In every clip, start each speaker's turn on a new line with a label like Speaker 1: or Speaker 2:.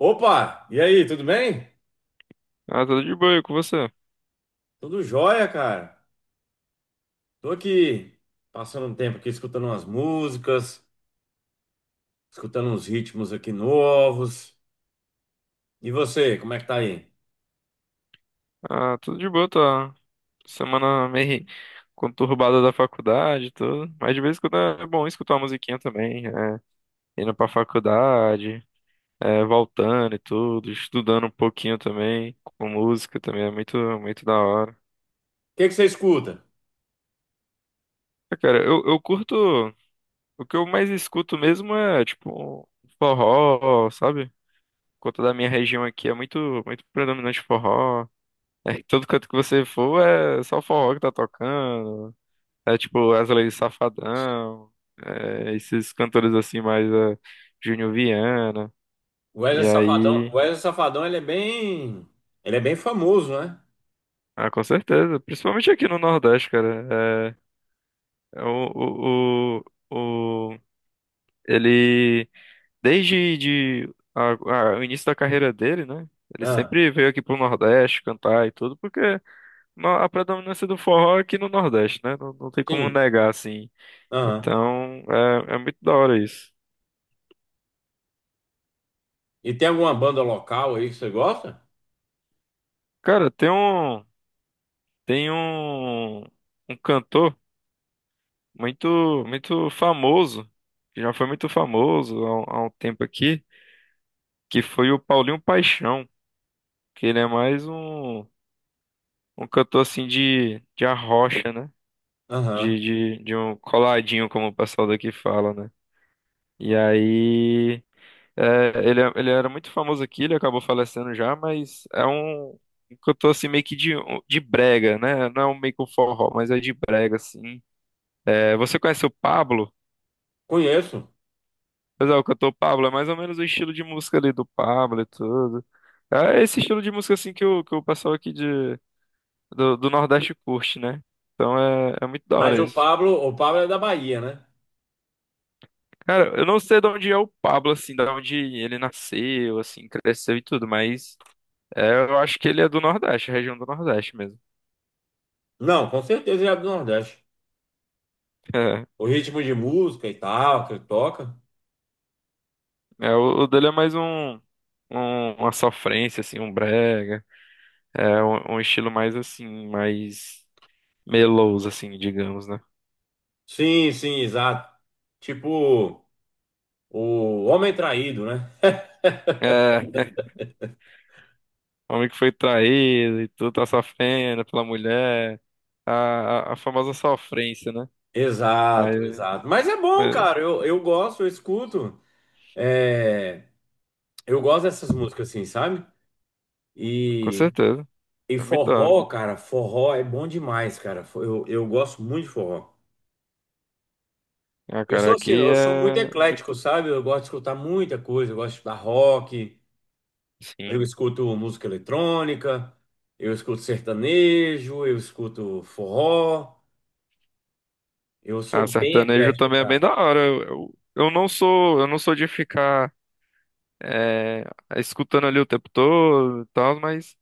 Speaker 1: Opa, e aí, tudo bem?
Speaker 2: Ah, tudo de boa, e com você?
Speaker 1: Tudo jóia, cara. Tô aqui passando um tempo aqui escutando umas músicas, escutando uns ritmos aqui novos. E você, como é que tá aí? O
Speaker 2: Ah, tudo de boa, tá. Semana meio conturbada da faculdade, e tudo. Mas de vez em quando é bom escutar uma musiquinha também. Indo pra faculdade, voltando e tudo, estudando um pouquinho também, com música também, é muito, muito da hora.
Speaker 1: que que você escuta?
Speaker 2: Ah, cara, eu curto. O que eu mais escuto mesmo é, tipo, forró, sabe? Por conta da minha região aqui é muito, muito predominante forró. Todo canto que você for é só forró que tá tocando. É tipo Wesley Safadão, é, esses cantores assim mais Júnior Viana. E
Speaker 1: O
Speaker 2: aí,
Speaker 1: Wesley Safadão, ele é bem famoso, né?
Speaker 2: ah, com certeza, principalmente aqui no Nordeste, cara. É, é o, o- ele desde a- o início da carreira dele, né? Ele
Speaker 1: Ah,
Speaker 2: sempre veio aqui pro Nordeste cantar e tudo, porque a predominância do forró é aqui no Nordeste, né? Não, não tem como
Speaker 1: sim.
Speaker 2: negar, assim.
Speaker 1: Aham.
Speaker 2: Então, é, é muito da hora isso.
Speaker 1: E tem alguma banda local aí que você gosta?
Speaker 2: Cara, tem um. Tem um, um cantor muito, muito famoso, que já foi muito famoso há há um tempo aqui, que foi o Paulinho Paixão, que ele é mais um, um cantor assim de arrocha, né?
Speaker 1: Aham.
Speaker 2: De, de um coladinho, como o pessoal daqui fala, né? E aí, é, ele era muito famoso aqui, ele acabou falecendo já, mas é um, um cantor assim meio que de brega, né? Não é um meio que um forró, mas é de brega, assim. É, você conhece o Pablo?
Speaker 1: Conheço.
Speaker 2: Mas é o cantor Pablo, é mais ou menos o estilo de música ali do Pablo e tudo. É esse estilo de música assim que o pessoal aqui do, do Nordeste curte, né? Então é, é muito da
Speaker 1: Mas
Speaker 2: hora isso.
Speaker 1: O Pablo é da Bahia, né?
Speaker 2: Cara, eu não sei de onde é o Pablo, assim, de onde ele nasceu, assim, cresceu e tudo, mas é, eu acho que ele é do Nordeste, região do Nordeste mesmo.
Speaker 1: Não, com certeza ele é do Nordeste.
Speaker 2: É,
Speaker 1: O ritmo de música e tal que ele toca.
Speaker 2: é, o dele é mais um, uma sofrência, assim, um brega. É um, um estilo mais assim, mais meloso, assim, digamos, né?
Speaker 1: Sim, sim, exato. Tipo, o homem traído, né?
Speaker 2: É, o homem que foi traído e tudo, tá sofrendo pela mulher. A famosa sofrência, né?
Speaker 1: Exato,
Speaker 2: Mas,
Speaker 1: exato. Mas é bom,
Speaker 2: mas,
Speaker 1: cara. Eu gosto, eu escuto. É, eu gosto dessas músicas, assim, sabe?
Speaker 2: com
Speaker 1: E,
Speaker 2: certeza,
Speaker 1: e
Speaker 2: é muito da hora.
Speaker 1: forró, cara, forró é bom demais, cara. Eu gosto muito de forró.
Speaker 2: Ah,
Speaker 1: Eu
Speaker 2: cara,
Speaker 1: sou assim,
Speaker 2: aqui
Speaker 1: eu sou muito
Speaker 2: é
Speaker 1: eclético,
Speaker 2: muito.
Speaker 1: sabe? Eu gosto de escutar muita coisa. Eu gosto de escutar rock, eu
Speaker 2: Sim.
Speaker 1: escuto música eletrônica, eu escuto sertanejo, eu escuto forró. Eu
Speaker 2: Ah,
Speaker 1: sou bem
Speaker 2: sertanejo
Speaker 1: eclético,
Speaker 2: também é bem
Speaker 1: cara.
Speaker 2: da hora. Eu não sou, eu não sou de ficar é, escutando ali o tempo todo e tal, mas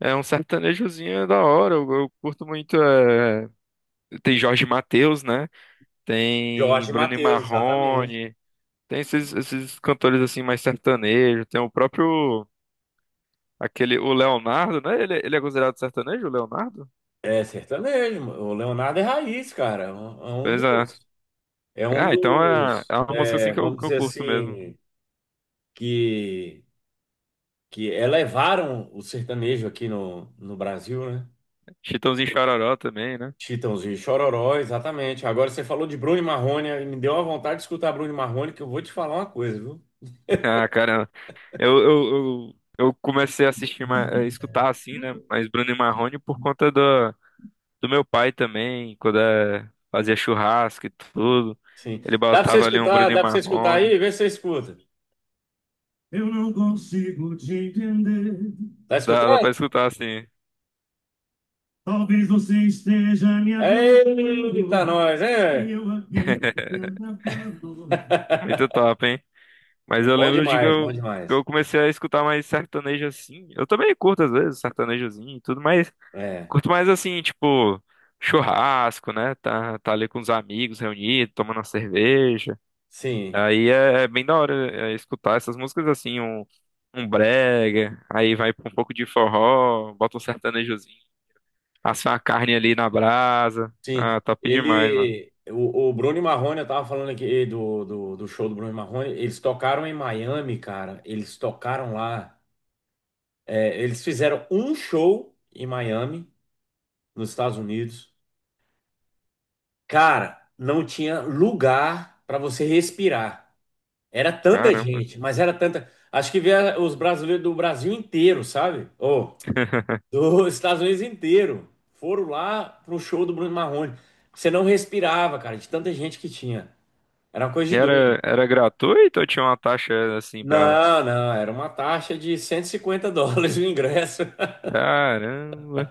Speaker 2: é um sertanejozinho é da hora. Eu curto muito. Tem Jorge Mateus, né? Tem
Speaker 1: Jorge
Speaker 2: Bruno e
Speaker 1: Mateus, exatamente.
Speaker 2: Marrone. Tem esses, esses cantores assim mais sertanejo, tem o próprio aquele o Leonardo, né? Ele é considerado sertanejo, o Leonardo?
Speaker 1: É sertanejo. O Leonardo é raiz, cara. É um
Speaker 2: Beleza.
Speaker 1: dos. É um
Speaker 2: Ah, então é,
Speaker 1: dos.
Speaker 2: é uma música assim
Speaker 1: Vamos
Speaker 2: que eu
Speaker 1: dizer
Speaker 2: curto mesmo.
Speaker 1: assim, que, que elevaram o sertanejo aqui no Brasil, né?
Speaker 2: Chitãozinho e Chororó também, né?
Speaker 1: Chitãozinho e Chororó, exatamente. Agora você falou de Bruno e Marrone, aí me deu uma vontade de escutar Bruno e Marrone, que eu vou te falar uma coisa, viu?
Speaker 2: Ah, cara, eu, eu, eu comecei a assistir, a escutar assim, né? Mas Bruno e Marrone por conta do, do meu pai também, quando é, fazia churrasco e tudo.
Speaker 1: Sim.
Speaker 2: Ele
Speaker 1: Dá pra você
Speaker 2: botava ali um
Speaker 1: escutar,
Speaker 2: Bruno e
Speaker 1: dá pra você escutar
Speaker 2: Marrone.
Speaker 1: aí? Vê se você escuta. Eu não consigo te entender. Tá
Speaker 2: Dá pra
Speaker 1: escutando?
Speaker 2: escutar assim.
Speaker 1: Talvez você esteja me amando. Eita, nós, E é. Eu aqui te atrapalhando.
Speaker 2: Muito top, hein? Mas eu
Speaker 1: Bom
Speaker 2: lembro de que
Speaker 1: demais, bom
Speaker 2: eu, que
Speaker 1: demais.
Speaker 2: eu comecei a escutar mais sertanejo assim. Eu também curto às vezes sertanejozinho e tudo, mas
Speaker 1: É,
Speaker 2: curto mais assim, tipo, churrasco, né? Tá ali com os amigos reunidos, tomando uma cerveja.
Speaker 1: sim,
Speaker 2: Aí é, é bem da hora escutar essas músicas assim, um brega, aí vai pra um pouco de forró, bota um sertanejozinho, assa uma carne ali na brasa.
Speaker 1: sim.
Speaker 2: Ah, top demais, mano.
Speaker 1: Ele, o Bruno e Marrone, eu tava falando aqui do show do Bruno e Marrone, eles tocaram em Miami, cara. Eles tocaram lá. É, eles fizeram um show em Miami, nos Estados Unidos. Cara, não tinha lugar pra você respirar. Era tanta
Speaker 2: Caramba.
Speaker 1: gente, mas era tanta. Acho que vieram os brasileiros do Brasil inteiro, sabe? Ou dos Estados Unidos inteiro. Foram lá pro show do Bruno Marrone. Você não respirava, cara, de tanta gente que tinha. Era uma coisa
Speaker 2: E
Speaker 1: de doido.
Speaker 2: era, era gratuito ou tinha uma taxa assim pra.
Speaker 1: Não, não, era uma taxa de US$ 150 o ingresso.
Speaker 2: Caramba.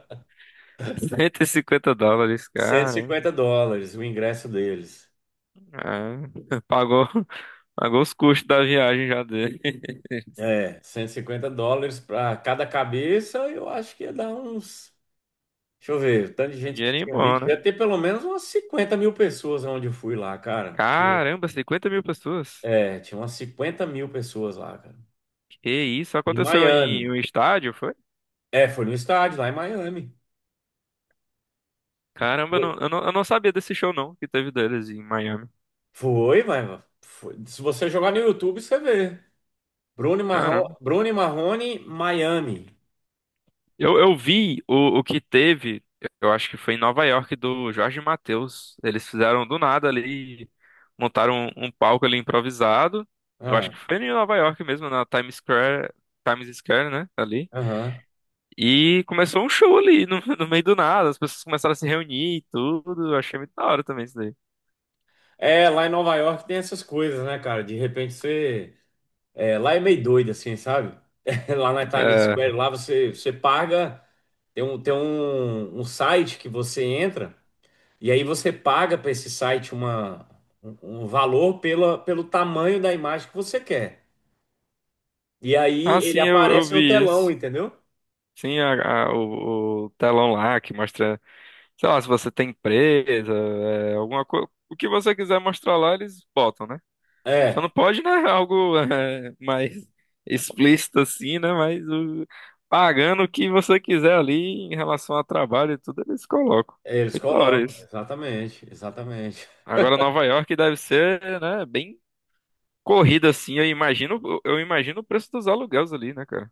Speaker 2: 150 dólares,
Speaker 1: Cento e
Speaker 2: cara.
Speaker 1: cinquenta dólares o ingresso deles.
Speaker 2: É. Pagou, pagou os custos da viagem já dele.
Speaker 1: É, US$ 150 para cada cabeça, eu acho que ia dar uns. Deixa eu ver, o tanto de
Speaker 2: Um
Speaker 1: gente que
Speaker 2: dinheirinho
Speaker 1: tinha ali,
Speaker 2: bom, né?
Speaker 1: devia ter pelo menos umas 50 mil pessoas onde eu fui lá, cara. Porque,
Speaker 2: Caramba, 50 mil pessoas.
Speaker 1: é, tinha umas 50 mil pessoas lá, cara.
Speaker 2: Que isso?
Speaker 1: Em
Speaker 2: Aconteceu em um
Speaker 1: Miami.
Speaker 2: estádio, foi?
Speaker 1: É, foi no estádio, lá em Miami.
Speaker 2: Caramba,
Speaker 1: Foi.
Speaker 2: eu não sabia desse show não que teve deles em Miami.
Speaker 1: Foi, mas foi. Se você jogar no YouTube, você vê. Bruno Marrone,
Speaker 2: Caramba.
Speaker 1: Bruno e Marrone, Miami.
Speaker 2: Eu vi o que teve, eu acho que foi em Nova York, do Jorge Mateus. Eles fizeram do nada ali, montaram um, um palco ali improvisado. Eu acho
Speaker 1: Ah,
Speaker 2: que foi em Nova York mesmo, na Times Square, Times Square, né? Ali.
Speaker 1: aham.
Speaker 2: E começou um show ali, no, no meio do nada. As pessoas começaram a se reunir e tudo. Eu achei muito da hora também isso daí.
Speaker 1: É, lá em Nova York tem essas coisas, né, cara? De repente você. É, lá é meio doido, assim, sabe? Lá na Times
Speaker 2: É.
Speaker 1: Square, lá você, você paga, tem um, um site que você entra, e aí você paga para esse site uma, um valor pela, pelo tamanho da imagem que você quer. E
Speaker 2: Ah,
Speaker 1: aí ele
Speaker 2: sim, eu
Speaker 1: aparece no
Speaker 2: vi
Speaker 1: telão,
Speaker 2: isso.
Speaker 1: entendeu?
Speaker 2: Sim, o telão lá que mostra. Sei lá, se você tem empresa, é, alguma coisa. O que você quiser mostrar lá, eles botam, né? Só não
Speaker 1: É,
Speaker 2: pode, né? Algo mais explícito assim, né? Mas pagando o que você quiser ali em relação a trabalho e tudo, eles colocam.
Speaker 1: eles
Speaker 2: Muito da hora
Speaker 1: colocam,
Speaker 2: isso.
Speaker 1: exatamente, exatamente.
Speaker 2: Agora, Nova York deve ser, né? Bem corrida assim. Eu imagino o preço dos aluguéis ali, né, cara?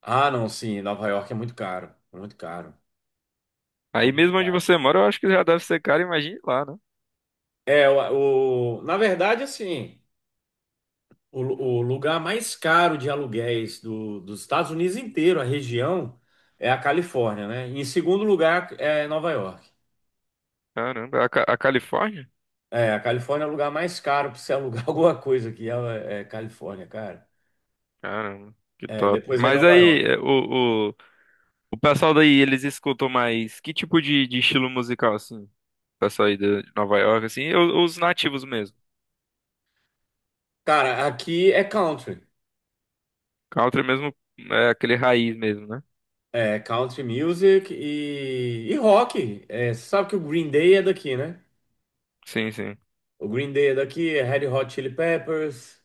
Speaker 1: Ah, não, sim, Nova York é muito caro, muito caro. É
Speaker 2: Aí
Speaker 1: muito
Speaker 2: mesmo onde
Speaker 1: caro.
Speaker 2: você mora, eu acho que já deve ser caro. Imagine lá, né?
Speaker 1: É, o- na verdade, assim. O, lu- o lugar mais caro de aluguéis do- dos Estados Unidos inteiro, a região, é a Califórnia, né? Em segundo lugar é Nova York.
Speaker 2: Caramba, a Califórnia?
Speaker 1: É, a Califórnia é o lugar mais caro para você alugar alguma coisa aqui, é, é Califórnia, cara.
Speaker 2: Caramba, que
Speaker 1: É,
Speaker 2: top.
Speaker 1: depois vem
Speaker 2: Mas
Speaker 1: Nova
Speaker 2: aí,
Speaker 1: York.
Speaker 2: é, o pessoal daí, eles escutam mais que tipo de estilo musical, assim? O pessoal aí de Nova York, assim, os nativos mesmo.
Speaker 1: Cara, aqui é country.
Speaker 2: Country mesmo, é aquele raiz mesmo, né?
Speaker 1: É country music e rock. É, você sabe que o Green Day é daqui, né?
Speaker 2: Sim, sim.
Speaker 1: O Green Day é daqui, é Red Hot Chili Peppers.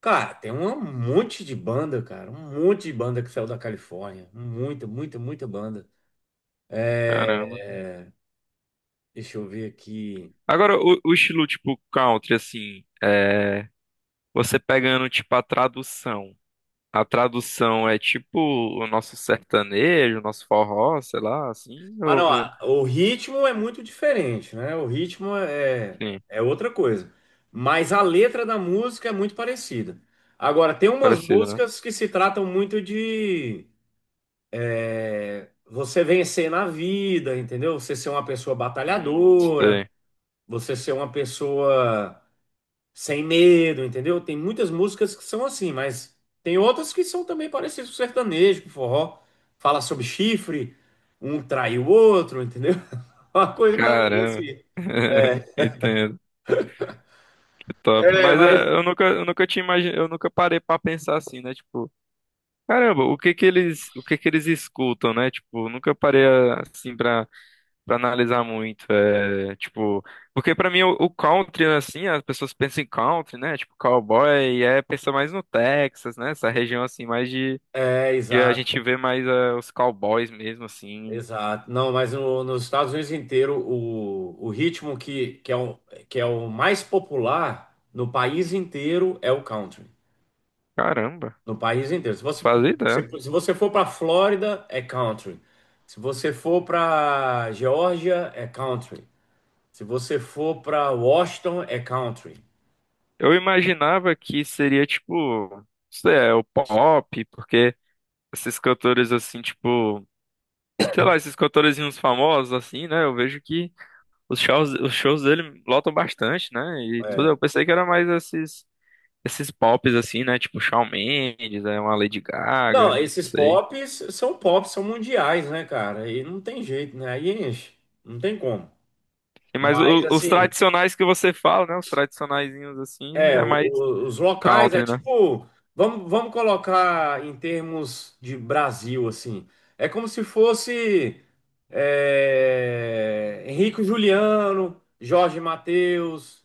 Speaker 1: Cara, tem um monte de banda, cara. Um monte de banda que saiu da Califórnia. Muita, muita, muita banda.
Speaker 2: Caramba.
Speaker 1: É, deixa eu ver aqui.
Speaker 2: Agora, o estilo, tipo, country, assim, é... Você pegando, tipo, a tradução. A tradução é, tipo, o nosso sertanejo, o nosso forró, sei lá, assim,
Speaker 1: Ah, não.
Speaker 2: ou...
Speaker 1: Ah, o ritmo é muito diferente, né? O ritmo é...
Speaker 2: Sim,
Speaker 1: é outra coisa. Mas a letra da música é muito parecida. Agora, tem umas
Speaker 2: parecido, né?
Speaker 1: músicas que se tratam muito de é, você vencer na vida, entendeu? Você ser uma pessoa batalhadora,
Speaker 2: Sei.
Speaker 1: você ser uma pessoa. Sem medo, entendeu? Tem muitas músicas que são assim, mas tem outras que são também parecidas com sertanejo, com forró. Fala sobre chifre, um trai o outro, entendeu? Uma coisa mais ou menos
Speaker 2: Caramba.
Speaker 1: assim. É,
Speaker 2: Entendo. Top.
Speaker 1: é,
Speaker 2: Mas é,
Speaker 1: mas.
Speaker 2: eu nunca eu nunca parei pra pensar assim, né? Tipo, caramba, o que que eles escutam, né? Tipo, nunca parei assim pra para analisar muito, é, tipo, porque pra mim o country assim, as pessoas pensam em country, né? Tipo, cowboy, e é pensa mais no Texas, né? Essa região assim mais de
Speaker 1: É,
Speaker 2: que a
Speaker 1: exato,
Speaker 2: gente vê mais é, os cowboys mesmo assim.
Speaker 1: exato. Não, mas no- nos Estados Unidos inteiro, o ritmo que que é o mais popular no país inteiro é o country.
Speaker 2: Caramba,
Speaker 1: No país inteiro. Se
Speaker 2: não
Speaker 1: você,
Speaker 2: fazia ideia.
Speaker 1: se você for para Flórida, é country. Se você for para Geórgia, é country. Se você for para Washington, é country.
Speaker 2: Eu imaginava que seria tipo, sei lá, o pop, porque esses cantores assim, tipo, sei lá, esses cantorezinhos famosos assim, né? Eu vejo que os shows dele lotam bastante, né? E tudo,
Speaker 1: É.
Speaker 2: eu pensei que era mais esses pops assim, né? Tipo Shawn Mendes, é uma Lady Gaga,
Speaker 1: Não,
Speaker 2: não
Speaker 1: esses
Speaker 2: sei.
Speaker 1: pops, são mundiais, né, cara? E não tem jeito, né? Aí enche. Não tem como.
Speaker 2: E mas
Speaker 1: Mas,
Speaker 2: os
Speaker 1: assim,
Speaker 2: tradicionais que você fala, né? Os tradicionaizinhos assim,
Speaker 1: é,
Speaker 2: é mais
Speaker 1: os locais é
Speaker 2: country, né?
Speaker 1: tipo, vamos colocar em termos de Brasil, assim. É como se fosse é, Henrique Juliano, Jorge Mateus,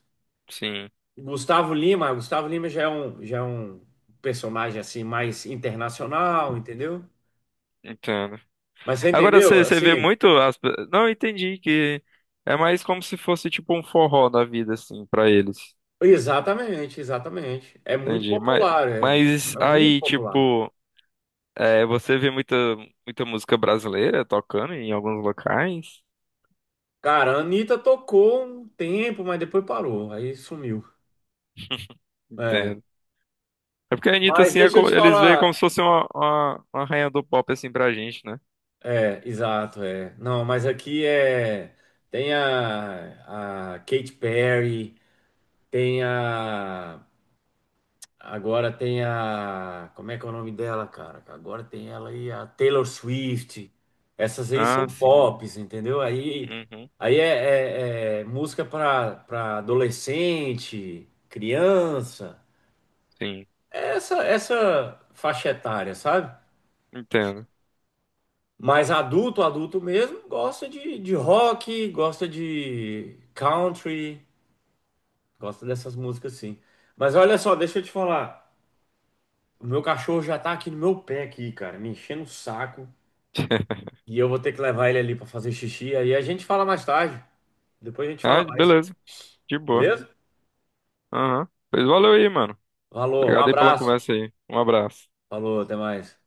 Speaker 2: Sim,
Speaker 1: Gustavo Lima. Gustavo Lima já é um personagem assim mais internacional, entendeu?
Speaker 2: entendo.
Speaker 1: Mas você
Speaker 2: Agora
Speaker 1: entendeu?
Speaker 2: você vê
Speaker 1: Assim,
Speaker 2: muito as... pe- Não, entendi que é mais como se fosse tipo um forró da vida, assim, pra eles.
Speaker 1: exatamente, exatamente. É muito
Speaker 2: Entendi.
Speaker 1: popular, é
Speaker 2: Mas
Speaker 1: é muito
Speaker 2: aí,
Speaker 1: popular.
Speaker 2: tipo, é, você vê muita, muita música brasileira tocando em alguns locais?
Speaker 1: Cara, a Anitta tocou um tempo, mas depois parou, aí sumiu. É,
Speaker 2: Entendo. É porque a Anitta,
Speaker 1: mas
Speaker 2: assim, é
Speaker 1: deixa eu
Speaker 2: como-
Speaker 1: te
Speaker 2: eles veem
Speaker 1: falar.
Speaker 2: como se fosse uma, uma rainha do pop, assim, pra gente, né?
Speaker 1: É, exato, é. Não, mas aqui é. Tem a Katy Perry, tem a. Agora tem a. Como é que é o nome dela, cara? Agora tem ela aí, a Taylor Swift. Essas aí são
Speaker 2: Ah, sim.
Speaker 1: pops, entendeu? Aí,
Speaker 2: Uhum.
Speaker 1: aí é, é- é música para para adolescente, criança.
Speaker 2: Sim.
Speaker 1: É essa, essa faixa etária, sabe?
Speaker 2: Entendo.
Speaker 1: Mas adulto, adulto mesmo, gosta de rock, gosta de country, gosta dessas músicas sim. Mas olha só, deixa eu te falar. O meu cachorro já tá aqui no meu pé aqui, cara, me enchendo o saco. E eu vou ter que levar ele ali pra fazer xixi. Aí a gente fala mais tarde. Depois a gente fala
Speaker 2: Ah,
Speaker 1: mais,
Speaker 2: beleza. De boa.
Speaker 1: beleza?
Speaker 2: Aham. Pois valeu aí, mano.
Speaker 1: Falou, um
Speaker 2: Obrigado aí pela
Speaker 1: abraço.
Speaker 2: conversa aí. Um abraço.
Speaker 1: Falou, até mais.